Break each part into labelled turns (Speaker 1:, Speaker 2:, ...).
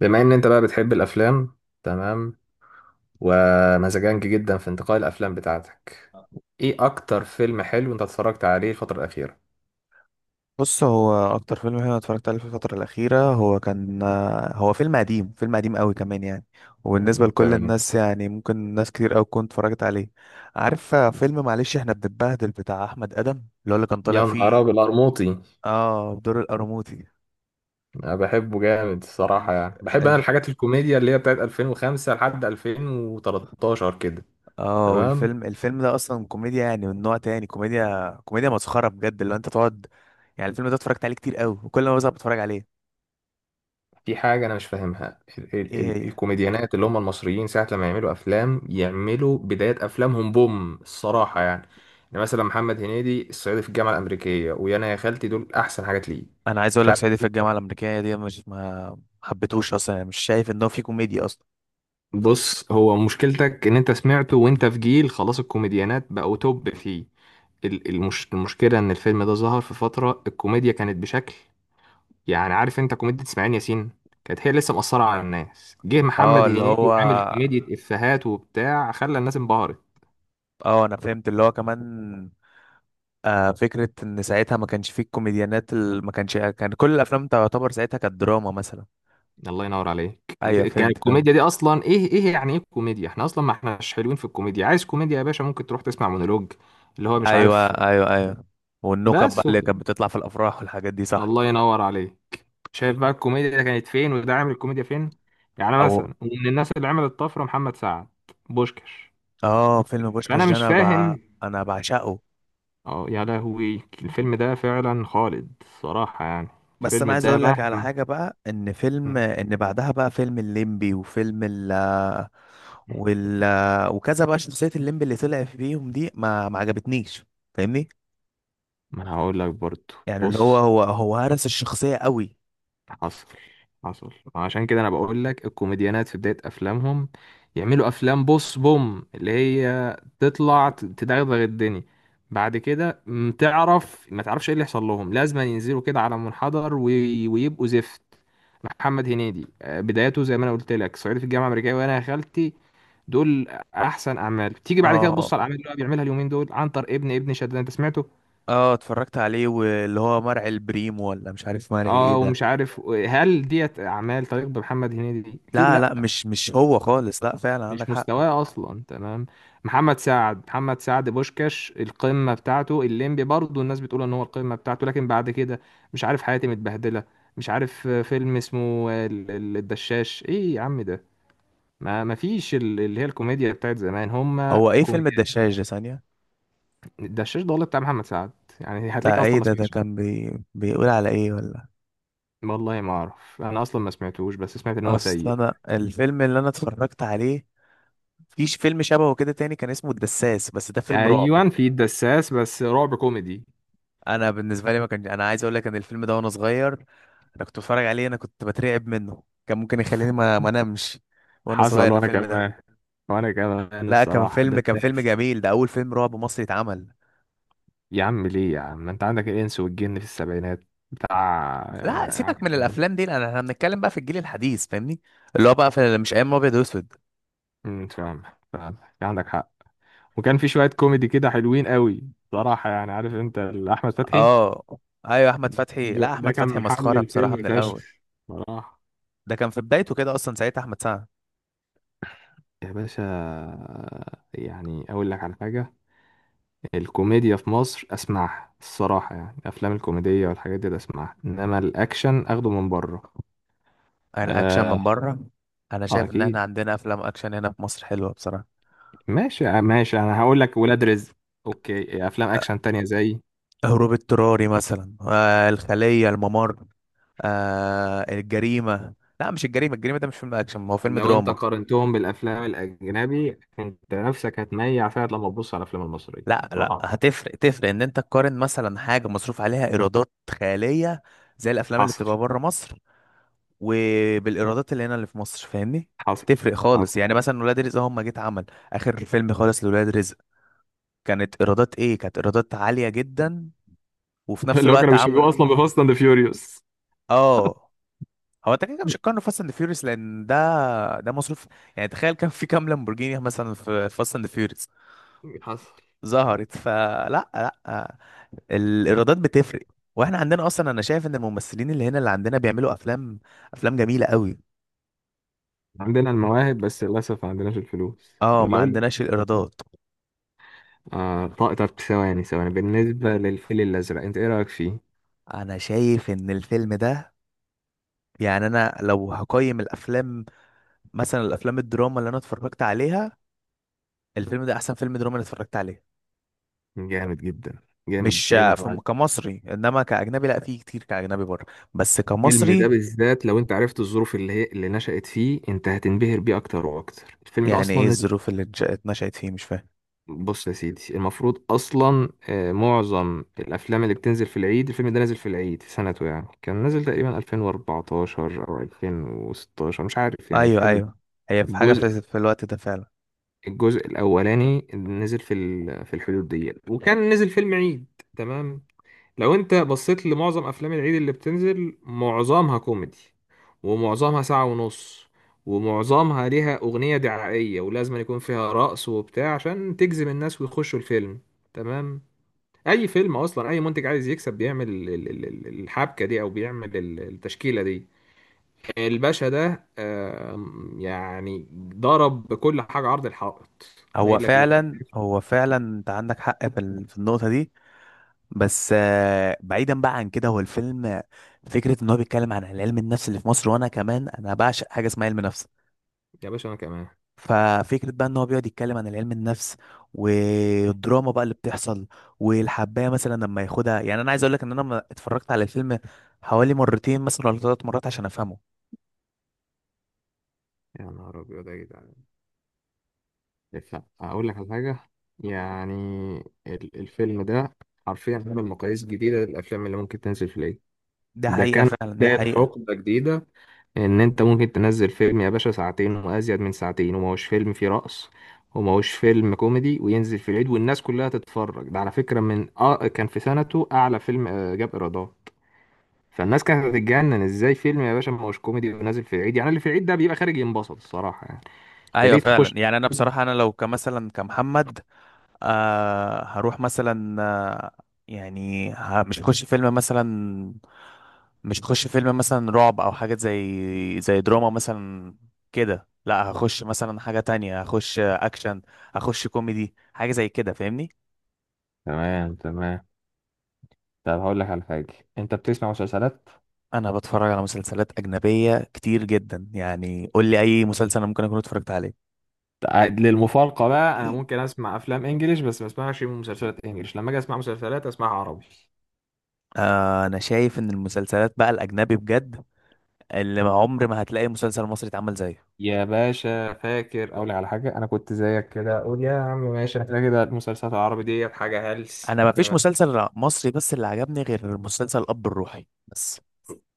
Speaker 1: بما ان انت بقى بتحب الافلام، تمام. ومزاجنج جدا في انتقاء الافلام بتاعتك. ايه اكتر فيلم حلو انت اتفرجت عليه الفترة الاخيرة؟
Speaker 2: بص، هو اكتر فيلم انا اتفرجت عليه في الفتره الاخيره هو كان هو فيلم قديم، فيلم قديم قوي كمان يعني. وبالنسبه لكل
Speaker 1: تمام.
Speaker 2: الناس يعني ممكن ناس كتير قوي تكون اتفرجت عليه. عارف فيلم، معلش، احنا بنتبهدل بتاع احمد ادم اللي هو اللي كان طالع
Speaker 1: يا نهار
Speaker 2: فيه؟
Speaker 1: ابيض، القرموطي.
Speaker 2: اه، بدور القرموطي.
Speaker 1: انا بحبه جامد الصراحة،
Speaker 2: الف...
Speaker 1: يعني بحب انا
Speaker 2: الف...
Speaker 1: الحاجات الكوميديا اللي هي بتاعت 2005 لحد 2013 كده.
Speaker 2: اه،
Speaker 1: تمام.
Speaker 2: والفيلم، الفيلم ده اصلا كوميديا يعني من نوع تاني، كوميديا، كوميديا مسخره بجد، اللي هو انت تقعد. يعني الفيلم ده اتفرجت عليه كتير قوي، وكل ما بزهق بتفرج عليه.
Speaker 1: في حاجة أنا مش فاهمها، ال
Speaker 2: ايه
Speaker 1: ال ال مم.
Speaker 2: هي؟
Speaker 1: الكوميديانات اللي هم المصريين ساعة لما يعملوا أفلام يعملوا بداية أفلامهم بوم الصراحة يعني. يعني مثلا محمد هنيدي الصعيدي في الجامعة الأمريكية ويانا يا خالتي، دول أحسن حاجات ليه.
Speaker 2: انا عايز اقول
Speaker 1: مش
Speaker 2: لك
Speaker 1: عارف.
Speaker 2: صعيدي في الجامعه الامريكيه دي مش ما حبيتهوش اصلا. يعني مش شايف ان هو فيه كوميديا اصلا.
Speaker 1: بص، هو مشكلتك إن أنت سمعته وأنت في جيل خلاص الكوميديانات بقوا توب فيه. المشكلة إن الفيلم ده ظهر في فترة الكوميديا كانت بشكل، يعني عارف انت كوميديا اسماعيل ياسين كانت هي لسه مأثرة على الناس. جه
Speaker 2: اه
Speaker 1: محمد
Speaker 2: اللي
Speaker 1: هنيدي
Speaker 2: هو،
Speaker 1: وعامل كوميديا افيهات وبتاع، خلى الناس انبهرت.
Speaker 2: اه انا فهمت اللي هو كمان. آه، فكره ان ساعتها ما كانش فيه الكوميديانات ما كانش، كان كل الافلام تعتبر ساعتها كانت دراما مثلا.
Speaker 1: الله ينور عليك.
Speaker 2: ايوه
Speaker 1: كانت
Speaker 2: فهمت، فهمت.
Speaker 1: الكوميديا دي اصلا ايه؟ ايه يعني ايه كوميديا؟ احنا اصلا ما احناش حلوين في الكوميديا. عايز كوميديا يا باشا؟ ممكن تروح تسمع مونولوج اللي هو مش
Speaker 2: ايوه،
Speaker 1: عارف.
Speaker 2: ايوه، ايوه. والنكت بقى
Speaker 1: بس
Speaker 2: اللي كانت
Speaker 1: وخ-
Speaker 2: بتطلع في الافراح والحاجات دي، صح.
Speaker 1: الله ينور عليك. شايف بقى الكوميديا ده كانت فين وده عامل الكوميديا فين. يعني
Speaker 2: او
Speaker 1: مثلا من الناس اللي عملت طفرة محمد سعد، بوشكش.
Speaker 2: اه، فيلم
Speaker 1: فانا
Speaker 2: بوشكاش ده
Speaker 1: مش فاهم.
Speaker 2: انا بعشقه.
Speaker 1: اه يا لهوي، الفيلم ده فعلا خالد صراحة يعني.
Speaker 2: بس انا
Speaker 1: الفيلم
Speaker 2: عايز
Speaker 1: ده
Speaker 2: اقول لك على
Speaker 1: مهما
Speaker 2: حاجه بقى، ان فيلم،
Speaker 1: مم.
Speaker 2: ان بعدها بقى فيلم الليمبي وفيلم ال، وال، وكذا، بقى شخصيه الليمبي اللي طلع فيهم دي ما عجبتنيش، فاهمني؟
Speaker 1: ما انا هقول لك برضو.
Speaker 2: يعني اللي هو
Speaker 1: بص،
Speaker 2: هو هرس الشخصيه قوي.
Speaker 1: حصل. حصل عشان كده انا بقول لك الكوميديانات في بداية افلامهم يعملوا افلام بص بوم اللي هي تطلع تدغدغ الدنيا. بعد كده تعرف ما تعرفش ايه اللي يحصل لهم، لازم ينزلوا كده على منحدر ويبقوا زفت. محمد هنيدي بدايته زي ما انا قلت لك صعيدي في الجامعة الأمريكية وانا يا خالتي، دول احسن اعمال. تيجي بعد كده تبص على
Speaker 2: اه.
Speaker 1: الاعمال اللي هو بيعملها اليومين دول، عنتر ابن شداد، انت سمعته.
Speaker 2: اه اتفرجت عليه، واللي هو مرعي البريم، ولا مش عارف مرعي ايه
Speaker 1: اه،
Speaker 2: ده.
Speaker 1: ومش عارف. هل ديت اعمال طريق بمحمد هنيدي؟ اكيد
Speaker 2: لا
Speaker 1: لا،
Speaker 2: لا مش هو خالص، لا فعلا
Speaker 1: مش
Speaker 2: عندك حق.
Speaker 1: مستواه اصلا. تمام. محمد سعد، محمد سعد بوشكاش القمه بتاعته، الليمبي برضه الناس بتقول ان هو القمه بتاعته. لكن بعد كده مش عارف، حياتي متبهدله. مش عارف فيلم اسمه الدشاش، ايه يا عم ده؟ ما فيش اللي هي الكوميديا بتاعت زمان، هم
Speaker 2: هو ايه فيلم
Speaker 1: الكوميديا.
Speaker 2: الدشاش ده؟ ثانيه.
Speaker 1: الدشاش ده والله بتاع محمد سعد. يعني هتلاقيك
Speaker 2: ده
Speaker 1: اصلا
Speaker 2: ايه
Speaker 1: ما
Speaker 2: ده؟ ده
Speaker 1: سمعتش.
Speaker 2: كان بيقول على ايه ولا؟
Speaker 1: والله ما اعرف، انا اصلا ما سمعتوش، بس سمعت ان هو
Speaker 2: اصل
Speaker 1: سيء.
Speaker 2: انا الفيلم اللي انا اتفرجت عليه فيش فيلم شبهه كده تاني، كان اسمه الدساس، بس ده فيلم رعب.
Speaker 1: ايوان، في الدساس، بس رعب كوميدي.
Speaker 2: انا بالنسبه لي ما كان، انا عايز اقول لك ان الفيلم ده وانا صغير انا كنت بتفرج عليه، انا كنت بترعب منه، كان ممكن يخليني ما انامش وانا
Speaker 1: حصل
Speaker 2: صغير
Speaker 1: وانا
Speaker 2: الفيلم ده.
Speaker 1: كمان. وانا كمان
Speaker 2: لا، كان
Speaker 1: الصراحه
Speaker 2: فيلم، كان فيلم
Speaker 1: دساس.
Speaker 2: جميل، ده اول فيلم رعب مصري اتعمل.
Speaker 1: يا عم ليه يا عم، ما انت عندك الانس والجن في السبعينات بتاع
Speaker 2: لا سيبك من
Speaker 1: عادل امام.
Speaker 2: الافلام دي، لان احنا بنتكلم بقى في الجيل الحديث، فاهمني؟ اللي هو بقى في مش ايام ابيض واسود.
Speaker 1: فاهم. فاهم. عندك حق. وكان في شويه كوميدي كده حلوين قوي، صراحه يعني، عارف انت، احمد فتحي.
Speaker 2: اه. ايوه احمد فتحي، لا
Speaker 1: ده
Speaker 2: احمد
Speaker 1: كان
Speaker 2: فتحي
Speaker 1: محل
Speaker 2: مسخره بصراحه
Speaker 1: الفيلم
Speaker 2: من
Speaker 1: فشخ
Speaker 2: الاول.
Speaker 1: صراحه.
Speaker 2: ده كان في بدايته كده اصلا ساعتها احمد سعد.
Speaker 1: يا باشا، يعني اقول لك على حاجه، الكوميديا في مصر اسمعها الصراحه، يعني الافلام الكوميديه والحاجات دي أنا اسمعها، انما الاكشن اخده من بره.
Speaker 2: الاكشن
Speaker 1: اه،
Speaker 2: من بره. انا
Speaker 1: آه
Speaker 2: شايف ان احنا
Speaker 1: اكيد.
Speaker 2: عندنا افلام اكشن هنا في مصر حلوه بصراحه.
Speaker 1: ماشي ماشي، انا هقول لك ولاد رزق. اوكي، افلام
Speaker 2: آه،
Speaker 1: اكشن تانية زي،
Speaker 2: هروب اضطراري مثلا، آه الخليه، الممر، آه الجريمه. لا مش الجريمه، الجريمه ده مش فيلم اكشن، ما هو فيلم
Speaker 1: لو انت
Speaker 2: دراما.
Speaker 1: قارنتهم بالافلام الاجنبي انت نفسك هتميع فعلا لما تبص على الافلام المصريه،
Speaker 2: لا،
Speaker 1: ضعف.
Speaker 2: هتفرق، تفرق ان انت تقارن مثلا حاجه مصروف عليها ايرادات خياليه، زي الافلام اللي
Speaker 1: حصل.
Speaker 2: بتبقى بره مصر، وبالايرادات اللي هنا اللي في مصر، فاهمني؟
Speaker 1: حصل.
Speaker 2: تفرق خالص.
Speaker 1: حصل.
Speaker 2: يعني مثلا ولاد رزق هم جيت عمل اخر فيلم خالص لولاد رزق، كانت ايرادات ايه؟ كانت ايرادات عاليه جدا. وفي نفس
Speaker 1: اللي هو
Speaker 2: الوقت
Speaker 1: كانوا بيشبهوه
Speaker 2: عملوا،
Speaker 1: اصلا بفاست اند فيوريوس.
Speaker 2: اه. هو انت كده كده مش هتقارنه فاست اند فيوريوس، لان ده، ده مصروف. يعني تخيل كان في كام لامبورجيني مثلا في فاست اند فيوريوس
Speaker 1: حصل.
Speaker 2: ظهرت؟ فلا لا، الايرادات بتفرق. واحنا عندنا اصلا، انا شايف ان الممثلين اللي هنا اللي عندنا بيعملوا افلام، افلام جميله قوي.
Speaker 1: عندنا المواهب بس للأسف ما عندناش الفلوس.
Speaker 2: اه، ما
Speaker 1: لو
Speaker 2: عندناش الايرادات.
Speaker 1: آه، طب طب ثواني ثواني، بالنسبة للفيل الأزرق أنت إيه رأيك فيه؟
Speaker 2: انا شايف ان الفيلم ده، يعني انا لو هقيم الافلام، مثلا الافلام الدراما اللي انا اتفرجت عليها، الفيلم ده احسن فيلم دراما انا اتفرجت عليه.
Speaker 1: جامد جدا. جامد.
Speaker 2: مش
Speaker 1: كريم عبد
Speaker 2: فم-
Speaker 1: العزيز.
Speaker 2: كمصري، انما كاجنبي لا، في كتير كاجنبي بره، بس
Speaker 1: الفيلم ده
Speaker 2: كمصري.
Speaker 1: بالذات لو أنت عرفت الظروف اللي هي اللي نشأت فيه أنت هتنبهر بيه أكتر وأكتر. الفيلم ده
Speaker 2: يعني
Speaker 1: أصلا
Speaker 2: ايه
Speaker 1: نزل.
Speaker 2: الظروف اللي اتنشأت فيه؟ مش فاهم.
Speaker 1: بص يا سيدي، المفروض أصلا معظم الأفلام اللي بتنزل في العيد، الفيلم ده نزل في العيد في سنته، يعني كان نزل تقريبا 2014 أو 2016 مش عارف، يعني في
Speaker 2: ايوه،
Speaker 1: الحدود دي.
Speaker 2: ايوه. هي في حاجه
Speaker 1: الجزء
Speaker 2: في، في الوقت ده فعلا.
Speaker 1: الجزء الأولاني نزل في الحدود دي، وكان نزل فيلم عيد. تمام. لو انت بصيت لمعظم افلام العيد اللي بتنزل معظمها كوميدي، ومعظمها ساعة ونص، ومعظمها ليها اغنية دعائية ولازم يكون فيها رقص وبتاع عشان تجذب الناس ويخشوا الفيلم. تمام. اي فيلم اصلا اي منتج عايز يكسب بيعمل الحبكة دي، او بيعمل التشكيلة دي. الباشا ده يعني ضرب بكل حاجة عرض الحائط. اما
Speaker 2: هو
Speaker 1: يقول لك لا.
Speaker 2: فعلا، هو فعلا انت عندك حق في، في النقطه دي. بس آه، بعيدا بقى عن كده، هو الفيلم، فكره ان هو بيتكلم عن علم النفس اللي في مصر، وانا كمان انا بعشق حاجه اسمها علم نفس.
Speaker 1: يا باشا، انا كمان.
Speaker 2: ففكرة بقى ان هو بيقعد يتكلم عن علم النفس والدراما بقى اللي بتحصل، والحباية مثلا لما ياخدها. يعني انا عايز اقول لك ان انا لما اتفرجت على الفيلم حوالي مرتين مثلا ولا ثلاث مرات عشان افهمه.
Speaker 1: يا نهار ابيض يا جدعان. اقول لك على حاجه، يعني الفيلم ده حرفيا عمل مقاييس جديده للافلام اللي ممكن تنزل في العيد.
Speaker 2: ده
Speaker 1: ده
Speaker 2: حقيقة
Speaker 1: كان
Speaker 2: فعلا، ده
Speaker 1: بدايه
Speaker 2: حقيقة.
Speaker 1: حقبه جديده، ان انت ممكن تنزل فيلم يا باشا ساعتين وازيد من ساعتين وما هوش فيلم فيه رقص، وما هوش فيلم كوميدي، وينزل في العيد والناس كلها تتفرج. ده على فكره من اه كان في سنته اعلى فيلم جاب ايرادات. فالناس كانت هتتجنن، ازاي فيلم يا باشا ما هوش كوميدي ونازل في العيد؟ يعني اللي في العيد ده بيبقى خارج ينبسط الصراحه يعني، انت
Speaker 2: ايوه
Speaker 1: ليه تخش؟
Speaker 2: فعلا. يعني انا بصراحة انا لو كمثلا كمحمد، آه هروح مثلا، آه، يعني مش هخش فيلم مثلا، مش هخش فيلم مثلا رعب او حاجة زي، زي دراما مثلا كده، لا هخش مثلا حاجة تانية، هخش اكشن، هخش كوميدي، حاجة زي كده، فاهمني؟
Speaker 1: تمام تمام. طب هقول لك على حاجة، انت بتسمع مسلسلات؟
Speaker 2: انا بتفرج على مسلسلات اجنبية كتير جدا، يعني قول لي اي مسلسل انا ممكن اكون اتفرجت عليه.
Speaker 1: للمفارقة بقى، انا ممكن اسمع افلام انجليش بس ما اسمعش مسلسلات انجليش، لما اجي اسمع مسلسلات اسمعها عربي.
Speaker 2: آه، انا شايف ان المسلسلات بقى الاجنبي بجد اللي ما عمر ما هتلاقي مسلسل مصري اتعمل زيه.
Speaker 1: يا باشا فاكر، اقول لك على حاجة، انا كنت زيك كده اقول يا عم ماشي كده كده المسلسلات العربي ديت حاجة هلس.
Speaker 2: انا ما فيش
Speaker 1: تمام.
Speaker 2: مسلسل مصري بس اللي عجبني غير مسلسل الاب الروحي بس.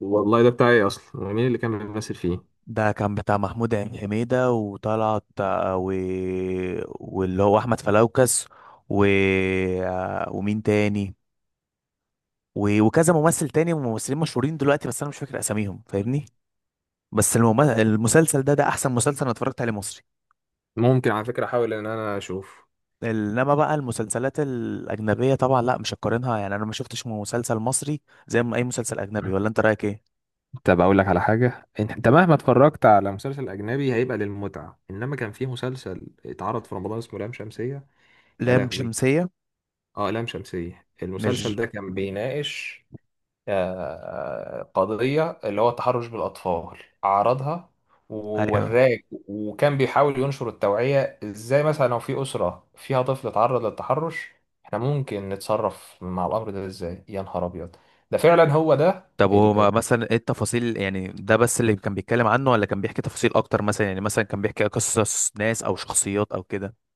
Speaker 1: والله ده بتاعي اصلا. ومين اللي كان بيمثل فيه؟
Speaker 2: ده كان بتاع محمود حميدة، وطلعت آه، و... واللي هو احمد فلوكس، و... آه، ومين تاني، و... وكذا ممثل تاني، وممثلين مشهورين دلوقتي بس انا مش فاكر اساميهم، فاهمني؟ بس المسلسل ده، ده احسن مسلسل انا اتفرجت عليه مصري.
Speaker 1: ممكن على فكرة احاول ان انا اشوف.
Speaker 2: انما بقى المسلسلات الاجنبيه طبعا لا، مش هقارنها. يعني انا ما شفتش مسلسل مصري زي ما اي مسلسل اجنبي، ولا انت رايك ايه؟
Speaker 1: طب اقول لك على حاجه، انت مهما اتفرجت على مسلسل اجنبي هيبقى للمتعه، انما كان في مسلسل اتعرض في رمضان اسمه لام شمسيه. يا
Speaker 2: لام
Speaker 1: لهوي.
Speaker 2: شمسيه.
Speaker 1: اه، لام شمسية، المسلسل
Speaker 2: مش،
Speaker 1: ده كان بيناقش قضية اللي هو التحرش بالأطفال. عرضها
Speaker 2: ايوه.
Speaker 1: ووراك، وكان بيحاول ينشر التوعية، ازاي مثلا لو في أسرة فيها طفل اتعرض للتحرش احنا ممكن نتصرف مع الأمر ده ازاي. يا نهار أبيض. ده فعلا هو ده.
Speaker 2: طب هو مثلا ايه التفاصيل؟ يعني ده بس اللي كان بيتكلم عنه، ولا كان بيحكي تفاصيل اكتر؟ مثلا يعني مثلا كان بيحكي قصص ناس او شخصيات او كده.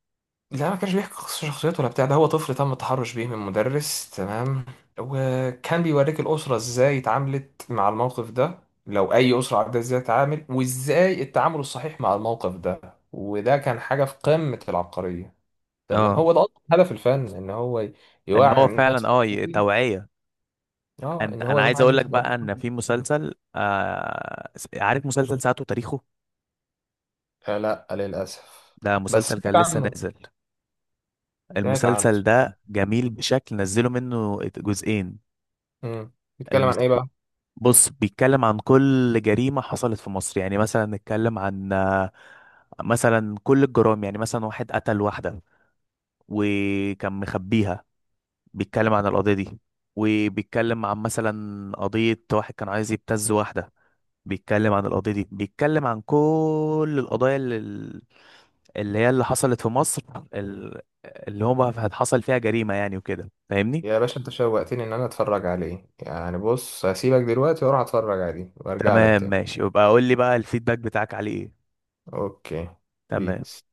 Speaker 1: لا، ما كانش بيحكي قصة شخصيته ولا بتاع، ده هو طفل تم التحرش بيه من مدرس. تمام. وكان بيوريك الأسرة ازاي اتعاملت مع الموقف ده، لو أي أسرة عندها ازاي تتعامل وازاي التعامل الصحيح مع الموقف ده. وده كان حاجة في قمة العبقرية. تمام. هو
Speaker 2: اه،
Speaker 1: ده أصلا هدف الفن، إن هو
Speaker 2: ان
Speaker 1: يوعي
Speaker 2: هو فعلا
Speaker 1: الناس.
Speaker 2: اه توعية.
Speaker 1: اه،
Speaker 2: انت،
Speaker 1: إن هو
Speaker 2: انا عايز
Speaker 1: يوعي
Speaker 2: اقول
Speaker 1: الناس
Speaker 2: لك بقى
Speaker 1: بقضايا.
Speaker 2: ان في مسلسل آه عارف مسلسل ساعته تاريخه؟
Speaker 1: لا للأسف.
Speaker 2: ده
Speaker 1: بس
Speaker 2: مسلسل
Speaker 1: سمعت
Speaker 2: كان لسه
Speaker 1: عنه.
Speaker 2: نازل.
Speaker 1: سمعت عنه.
Speaker 2: المسلسل
Speaker 1: سمعت
Speaker 2: ده
Speaker 1: عنه.
Speaker 2: جميل بشكل، نزلوا منه جزئين.
Speaker 1: مم. بيتكلم
Speaker 2: المس...
Speaker 1: عن إيه بقى؟
Speaker 2: بص بيتكلم عن كل جريمة حصلت في مصر. يعني مثلا نتكلم عن آه، مثلا كل الجرائم، يعني مثلا واحد قتل واحدة وكان مخبيها، بيتكلم عن القضية دي. وبيتكلم عن مثلا قضية واحد كان عايز يبتز واحدة، بيتكلم عن القضية دي. بيتكلم عن كل القضايا اللي، اللي هي اللي حصلت في مصر، اللي هما حصل فيها جريمة، يعني وكده، فاهمني؟
Speaker 1: يا باشا، انت شوقتني ان انا اتفرج عليه. يعني بص، هسيبك دلوقتي واروح اتفرج عليه وارجع لك
Speaker 2: تمام
Speaker 1: تاني.
Speaker 2: ماشي، يبقى قول لي بقى الفيدباك بتاعك عليه ايه.
Speaker 1: اوكي.
Speaker 2: تمام.
Speaker 1: بيس.